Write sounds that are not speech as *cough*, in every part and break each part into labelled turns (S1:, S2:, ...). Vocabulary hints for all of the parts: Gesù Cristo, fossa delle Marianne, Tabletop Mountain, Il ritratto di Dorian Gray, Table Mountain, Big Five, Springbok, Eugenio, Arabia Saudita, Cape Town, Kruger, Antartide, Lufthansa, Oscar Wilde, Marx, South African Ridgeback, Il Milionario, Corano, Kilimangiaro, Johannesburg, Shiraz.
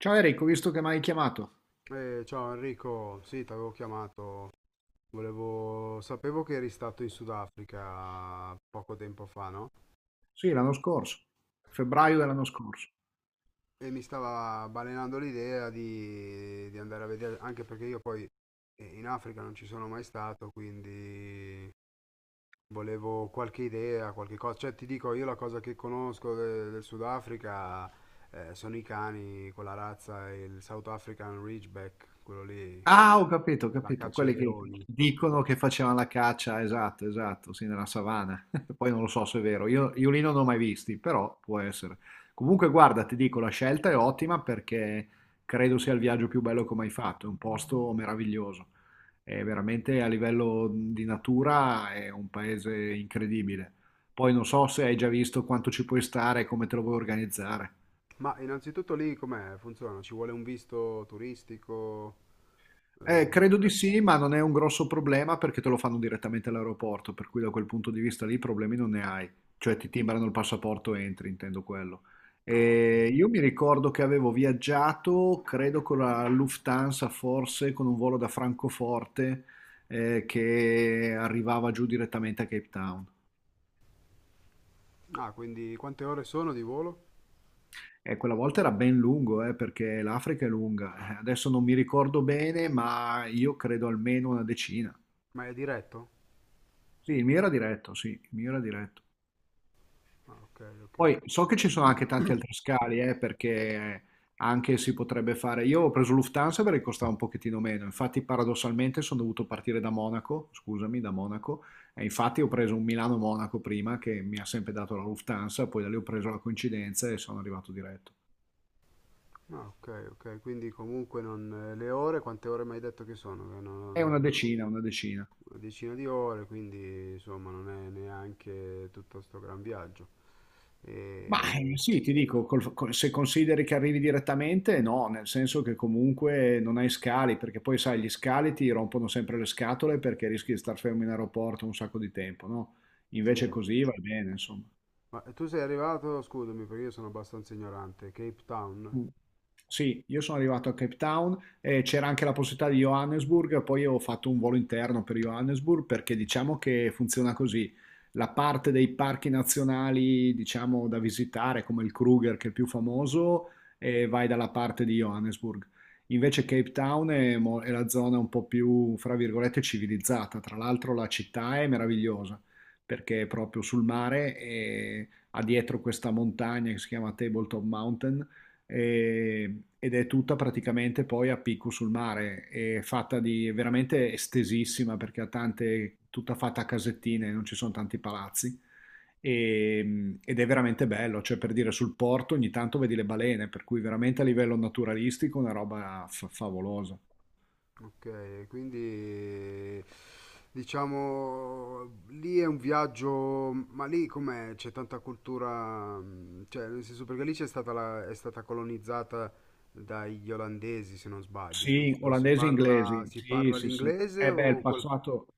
S1: Ciao Eric, ho visto che mi hai chiamato.
S2: Ciao Enrico, sì, ti avevo chiamato. Volevo... Sapevo che eri stato in Sudafrica poco tempo fa, no?
S1: Sì, l'anno scorso,
S2: E,
S1: febbraio dell'anno scorso.
S2: e mi stava balenando l'idea di andare a vedere, anche perché io poi in Africa non ci sono mai stato, quindi volevo qualche idea, qualche cosa. Cioè, ti dico, io la cosa che conosco del Sudafrica sono i cani, quella razza, il South African Ridgeback, quello lì,
S1: Ah, ho capito, ho
S2: la
S1: capito.
S2: caccia ai
S1: Quelli che
S2: leoni.
S1: dicono che facevano la caccia, esatto, esatto, sì, nella savana. *laughs* Poi non lo so se è vero, io lì non ho mai visti, però può essere. Comunque, guarda, ti dico, la scelta è ottima perché credo sia il viaggio più bello che ho mai fatto. È un posto meraviglioso. È veramente a livello di natura è un paese incredibile. Poi non so se hai già visto quanto ci puoi stare e come te lo vuoi organizzare.
S2: Ma innanzitutto lì com'è? Funziona? Ci vuole un visto turistico? Eh,
S1: Credo di sì, ma non è un grosso problema perché te lo fanno direttamente all'aeroporto, per cui da quel punto di vista lì problemi non ne hai, cioè ti timbrano il passaporto e entri, intendo quello.
S2: no, ottimo.
S1: E io mi ricordo che avevo viaggiato, credo con la Lufthansa, forse con un volo da Francoforte, che arrivava giù direttamente a Cape Town.
S2: Ah, quindi quante ore sono di volo?
S1: E quella volta era ben lungo, perché l'Africa è lunga. Adesso non mi ricordo bene, ma io credo almeno una decina.
S2: Ma è diretto?
S1: Sì, il mio era diretto, sì, il mio era diretto.
S2: Ah, ok, ok.
S1: Poi so che ci sono anche tanti altri scali, perché anche si potrebbe fare. Io ho preso Lufthansa perché costava un pochettino meno. Infatti, paradossalmente, sono dovuto partire da Monaco, scusami, da Monaco. E infatti ho preso un Milano-Monaco prima che mi ha sempre dato la Lufthansa, poi da lì ho preso la coincidenza e sono arrivato diretto.
S2: Ah, ok, ok. Quindi comunque non, le ore, quante ore mi hai detto che sono? Che
S1: È
S2: non
S1: una
S2: so.
S1: decina, una decina.
S2: Una decina di ore, quindi insomma non è neanche tutto sto gran viaggio.
S1: Ma
S2: E,
S1: sì, ti dico, se consideri che arrivi direttamente, no, nel senso che comunque non hai scali, perché poi sai, gli scali ti rompono sempre le scatole perché rischi di star fermo in aeroporto un sacco di tempo, no?
S2: sì.
S1: Invece così va bene, insomma.
S2: Ma tu sei arrivato, scusami perché io sono abbastanza ignorante, Cape Town?
S1: Mm. Sì, io sono arrivato a Cape Town e c'era anche la possibilità di Johannesburg, poi ho fatto un volo interno per Johannesburg perché diciamo che funziona così. La parte dei parchi nazionali, diciamo, da visitare, come il Kruger che è il più famoso, e vai dalla parte di Johannesburg. Invece Cape Town è, è la zona un po' più, fra virgolette, civilizzata. Tra l'altro la città è meravigliosa perché è proprio sul mare e ha dietro questa montagna che si chiama Tabletop Mountain, ed è tutta praticamente poi a picco sul mare, è fatta di è veramente estesissima perché ha tante, tutta fatta a casettine, non ci sono tanti palazzi. Ed è veramente bello, cioè per dire sul porto ogni tanto vedi le balene, per cui veramente a livello naturalistico una roba favolosa.
S2: Ok, quindi diciamo lì è un viaggio, ma lì com'è? C'è tanta cultura, mm, cioè nel senso perché lì c'è stata è stata colonizzata dagli olandesi se non sbaglio,
S1: Sì,
S2: giusto?
S1: olandesi e inglesi,
S2: Si
S1: sì,
S2: parla
S1: sì, sì.
S2: l'inglese
S1: Eh beh,
S2: o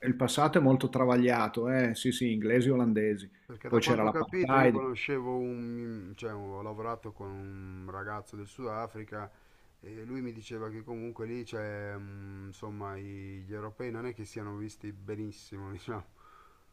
S1: il passato è molto travagliato, eh? Sì, sì, inglesi e olandesi.
S2: perché da
S1: Poi c'era
S2: quanto ho capito io
S1: l'apartheid.
S2: conoscevo un, cioè ho lavorato con un ragazzo del Sudafrica e lui mi diceva che comunque lì c'è, mm, insomma, gli europei non è che siano visti benissimo, *laughs* diciamo.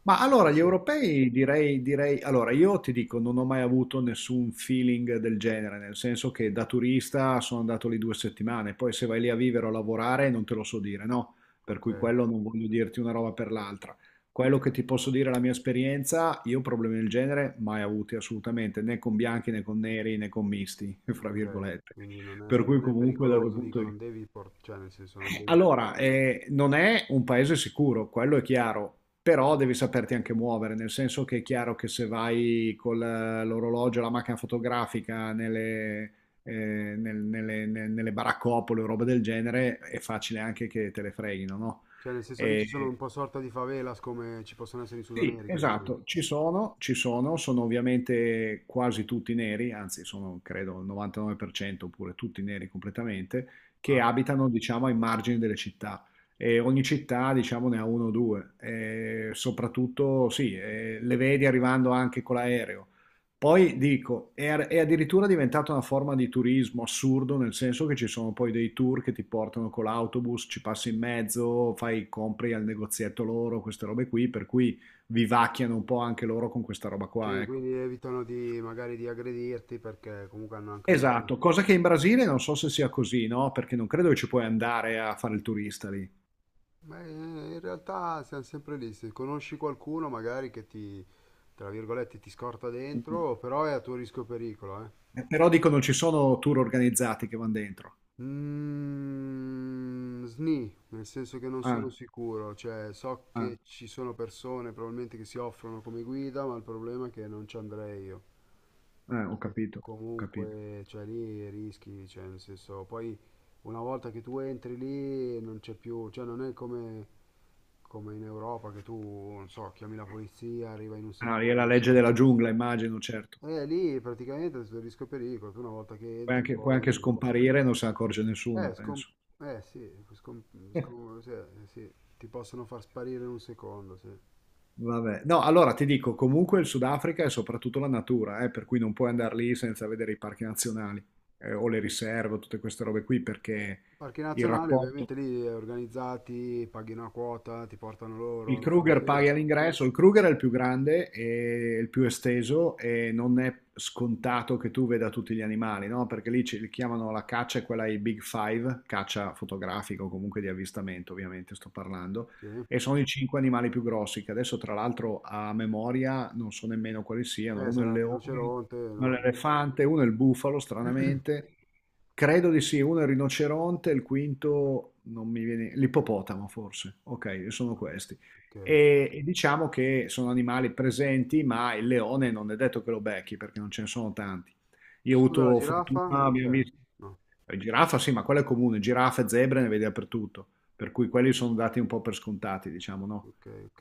S1: Ma
S2: Sì,
S1: allora gli
S2: sì.
S1: europei direi, allora io ti dico, non ho mai avuto nessun feeling del genere, nel senso che da turista sono andato lì due settimane, poi se vai lì a vivere o a lavorare non te lo so dire, no? Per
S2: Ok,
S1: cui quello non voglio dirti una roba per l'altra. Quello che ti posso dire è la mia esperienza, io problemi del genere mai avuti assolutamente, né con bianchi né con neri né con misti, *laughs* fra
S2: ok.
S1: virgolette.
S2: Quindi
S1: Per cui
S2: non è
S1: comunque, da quel
S2: pericoloso,
S1: punto
S2: dico,
S1: di
S2: non devi cioè nel senso non devi.
S1: Allora, non è un paese sicuro, quello è chiaro, però devi saperti anche muovere, nel senso che è chiaro che se vai con l'orologio, la macchina fotografica nelle, eh, nel- nelle, ne- nelle baraccopole o roba del genere, è facile anche che te le freghino, no?
S2: Cioè nel senso lì ci sono un
S1: E-
S2: po' sorta di favelas come ci possono essere in Sud
S1: sì,
S2: America, diciamo.
S1: esatto, ci sono, sono ovviamente quasi tutti neri, anzi sono credo il 99% oppure tutti neri completamente, che
S2: Ah,
S1: abitano diciamo ai margini delle città e ogni città diciamo ne ha uno o due e soprattutto sì, le vedi arrivando anche con l'aereo. Poi dico, è addirittura diventata una forma di turismo assurdo, nel senso che ci sono poi dei tour che ti portano con l'autobus, ci passi in mezzo, fai compri al negozietto loro, queste robe qui, per cui vivacchiano un po' anche loro con questa roba
S2: sì,
S1: qua, ecco.
S2: quindi evitano di magari di aggredirti perché comunque hanno anche un ruolo.
S1: Esatto, cosa che in Brasile non so se sia così, no? Perché non credo che ci puoi andare a fare il turista lì.
S2: Beh, in realtà siamo sempre lì, se conosci qualcuno magari tra virgolette, ti scorta dentro, però è a tuo rischio e pericolo, eh.
S1: Però dico non ci sono tour organizzati che vanno dentro.
S2: Mm, sni, nel senso che non sono
S1: Ah,
S2: sicuro, cioè so
S1: ah,
S2: che ci sono persone probabilmente che si offrono come guida, ma il problema è che non ci andrei io,
S1: ho
S2: perché
S1: capito, ho capito.
S2: comunque, cioè lì rischi, cioè nel senso, poi una volta che tu entri lì non c'è più, cioè non è come, come in Europa che tu, non so, chiami la polizia, arriva in un
S1: Ah, lì è la
S2: secondo,
S1: legge
S2: cioè.
S1: della giungla, immagino, certo.
S2: Lì praticamente è tutto il rischio e pericolo, tu una volta che entri
S1: Puoi anche
S2: poi...
S1: scomparire e non se ne accorge nessuno,
S2: Eh, scom-
S1: penso.
S2: eh sì, scom-
S1: *laughs*
S2: sì, ti possono far sparire in un secondo, sì.
S1: Vabbè, no, allora ti dico, comunque il Sudafrica è soprattutto la natura, per cui non puoi andare lì senza vedere i parchi nazionali, o le riserve, o tutte queste robe qui, perché
S2: Parchi
S1: il
S2: nazionali,
S1: rapporto.
S2: ovviamente lì organizzati, paghi una quota, ti portano
S1: Il
S2: loro, lo fanno
S1: Kruger
S2: che?
S1: paga l'ingresso, il Kruger è il più grande e il più esteso e non è scontato che tu veda tutti gli animali, no? Perché lì ci li chiamano la caccia, è quella ai Big Five, caccia fotografica o comunque di avvistamento, ovviamente sto parlando,
S2: Sì.
S1: e sono i cinque animali più grossi, che adesso tra l'altro a memoria non so nemmeno quali siano, uno è il
S2: Sarà il
S1: leone,
S2: rinoceronte,
S1: uno è
S2: no,
S1: l'elefante, uno è il bufalo, stranamente, credo di sì, uno è il rinoceronte, il quinto non mi viene, l'ippopotamo forse. Ok, sono questi.
S2: ok.
S1: E diciamo che sono animali presenti, ma il leone non è detto che lo becchi perché non ce ne sono tanti. Io ho
S2: Scusa, la
S1: avuto
S2: giraffa?
S1: fortuna,
S2: Non
S1: abbiamo
S2: c'è?
S1: visto.
S2: No,
S1: Giraffa, sì, ma quella è comune, giraffe, zebre ne vedi dappertutto, per cui quelli sono dati un po' per scontati, diciamo, no?
S2: ok, ok.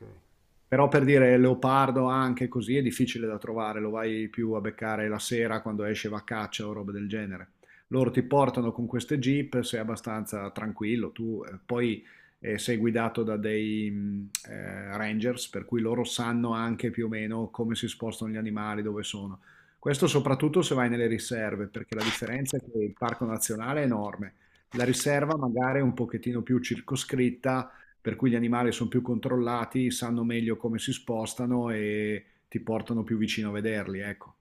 S1: Però per dire leopardo anche così è difficile da trovare, lo vai più a beccare la sera quando esce va a caccia o roba del genere. Loro ti portano con queste jeep, sei abbastanza tranquillo, tu poi sei guidato da dei rangers, per cui loro sanno anche più o meno come si spostano gli animali, dove sono. Questo soprattutto se vai nelle riserve, perché la differenza è che il parco nazionale è enorme. La riserva magari è un pochettino più circoscritta, per cui gli animali sono più controllati, sanno meglio come si spostano e ti portano più vicino a vederli, ecco.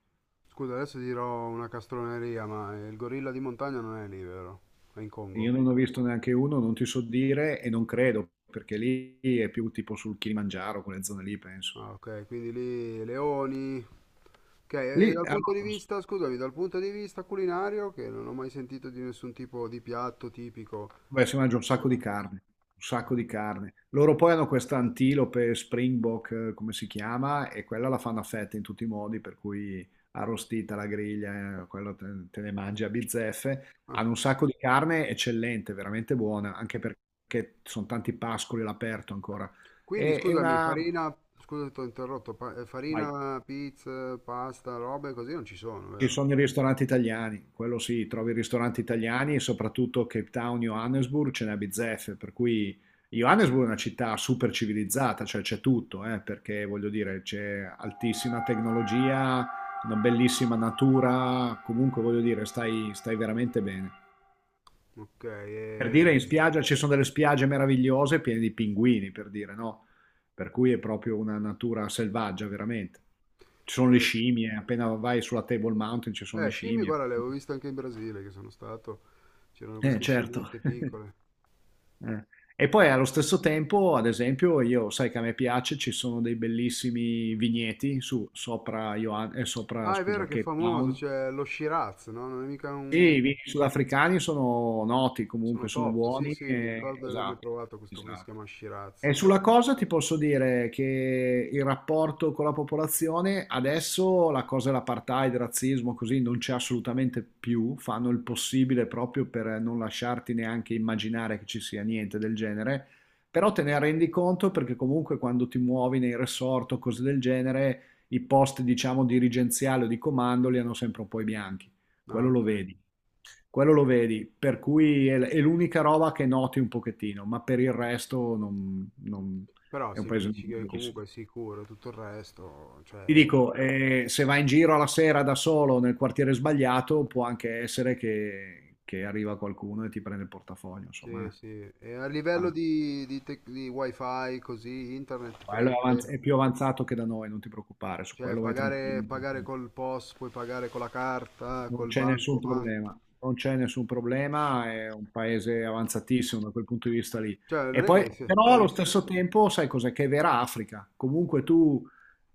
S2: Scusa, adesso dirò una castroneria, ma il gorilla di montagna non è lì, vero? È in Congo.
S1: Io non ho visto neanche uno, non ti so dire e non credo, perché lì è più tipo sul Kilimangiaro, quelle zone lì, penso.
S2: Ah, ok, quindi lì leoni. Ok, e
S1: Lì,
S2: dal
S1: allora,
S2: punto di vista, scusami, dal punto di vista culinario, che non ho mai sentito di nessun tipo di piatto tipico
S1: beh, si mangia un sacco di
S2: sudafricano.
S1: carne, un sacco
S2: Ok.
S1: di carne. Loro poi hanno questa antilope Springbok, come si chiama, e quella la fanno a fette in tutti i modi, per cui arrostita alla griglia, quello te, te ne mangi a bizzeffe.
S2: Ah,
S1: Hanno un sacco di carne eccellente, veramente buona, anche perché sono tanti pascoli all'aperto ancora.
S2: quindi
S1: E
S2: scusami,
S1: una.
S2: farina, scusa se ti ho interrotto,
S1: Vai.
S2: farina, pizza, pasta, robe così non ci sono,
S1: Ci
S2: vero?
S1: sono i ristoranti italiani, quello sì, trovi i ristoranti italiani e soprattutto Cape Town, Johannesburg ce n'è a bizzeffe, per cui Johannesburg è una città super civilizzata, cioè c'è tutto, perché voglio dire c'è altissima tecnologia, una bellissima natura, comunque voglio dire stai veramente bene.
S2: Ok,
S1: Per
S2: e...
S1: dire in spiaggia ci sono delle spiagge meravigliose piene di pinguini, per dire, no? Per cui è proprio una natura selvaggia, veramente. Ci sono le scimmie, appena vai sulla Table Mountain ci sono le
S2: Scimmie,
S1: scimmie.
S2: guarda, le avevo viste anche in Brasile, che sono stato, c'erano queste
S1: Certo.
S2: scimmiette
S1: *laughs*
S2: piccole.
S1: Eh. E
S2: Sì,
S1: poi
S2: sì.
S1: allo stesso tempo, ad esempio, io sai che a me piace, ci sono dei bellissimi vigneti su, sopra,
S2: Ah, è
S1: scusa,
S2: vero che è
S1: Cape
S2: famoso,
S1: Town.
S2: c'è lo Shiraz, no? Non è mica
S1: Sì,
S2: un...
S1: i vini sudafricani sono noti comunque,
S2: Sono
S1: sono
S2: top, sì,
S1: buoni.
S2: sì, mi
S1: eh,
S2: ricordo di averne
S1: esatto,
S2: provato questo qui che si
S1: esatto.
S2: chiama Shiraz.
S1: E sulla cosa ti posso dire che il rapporto con la popolazione, adesso la cosa dell'apartheid, il razzismo, così non c'è assolutamente più, fanno il possibile proprio per non lasciarti neanche immaginare che ci sia niente del genere, però te ne rendi conto perché comunque quando ti muovi nei resort o cose del genere, i posti diciamo dirigenziali o di comando li hanno sempre un po' i bianchi,
S2: Ah,
S1: quello lo
S2: ok.
S1: vedi. Quello lo vedi, per cui è l'unica roba che noti un pochettino, ma per il resto
S2: Però
S1: è un
S2: se mi
S1: paese
S2: dici che
S1: normalissimo.
S2: comunque è sicuro, tutto il resto,
S1: Ti
S2: cioè,
S1: dico, se vai in giro alla sera da solo nel quartiere sbagliato, può anche essere che arriva qualcuno e ti prende il portafoglio, insomma.
S2: sì, sì. E a livello
S1: Ah,
S2: di wifi, così, internet
S1: quello è, avanz-
S2: prende,
S1: è più avanzato che da noi, non ti preoccupare, su
S2: cioè,
S1: quello vai tranquillo.
S2: pagare col POS, puoi pagare con la carta,
S1: Non
S2: col
S1: c'è nessun
S2: bancomat.
S1: problema, non c'è nessun problema, è un paese avanzatissimo da quel punto di vista lì.
S2: Cioè,
S1: E
S2: non è
S1: poi,
S2: che
S1: però allo
S2: siamo...
S1: stesso tempo, sai cos'è? Che è vera Africa. Comunque tu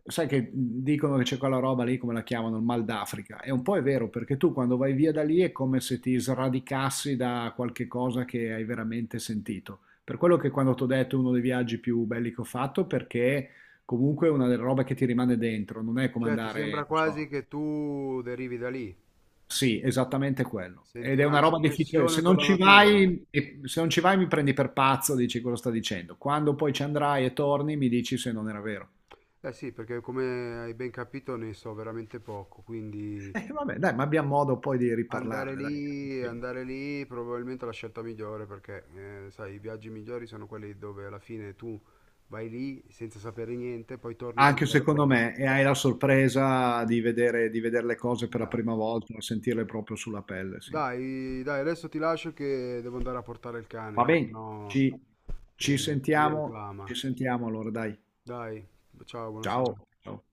S1: sai che dicono che c'è quella roba lì, come la chiamano, il mal d'Africa. E un po' è vero, perché tu quando vai via da lì è come se ti sradicassi da qualche cosa che hai veramente sentito. Per quello che quando ti ho detto è uno dei viaggi più belli che ho fatto, perché comunque è una delle robe che ti rimane dentro, non è come
S2: Cioè, ti
S1: andare,
S2: sembra
S1: non so.
S2: quasi che tu derivi da lì,
S1: Sì, esattamente quello.
S2: senti
S1: Ed è
S2: una
S1: una roba difficile. Se
S2: connessione con
S1: non
S2: la
S1: ci
S2: natura.
S1: vai, se non ci vai mi prendi per pazzo, dici cosa sta dicendo. Quando poi ci andrai e torni, mi dici se non era vero.
S2: Eh sì, perché come hai ben capito ne so veramente poco, quindi
S1: *laughs* Vabbè, dai, ma abbiamo modo poi di riparlarne, dai. Tranquillo.
S2: andare lì probabilmente è la scelta migliore perché sai, i viaggi migliori sono quelli dove alla fine tu vai lì senza sapere niente, poi torni con
S1: Anche secondo
S2: qualcosa.
S1: me, e hai la sorpresa di vedere, le cose per la
S2: Dai,
S1: prima volta, sentirle proprio sulla pelle, sì.
S2: dai, dai, adesso ti lascio che devo andare a portare il cane,
S1: Va
S2: che
S1: bene,
S2: sennò mi reclama.
S1: ci sentiamo allora, dai.
S2: Dai, ciao,
S1: Ciao.
S2: buonasera.
S1: Ciao.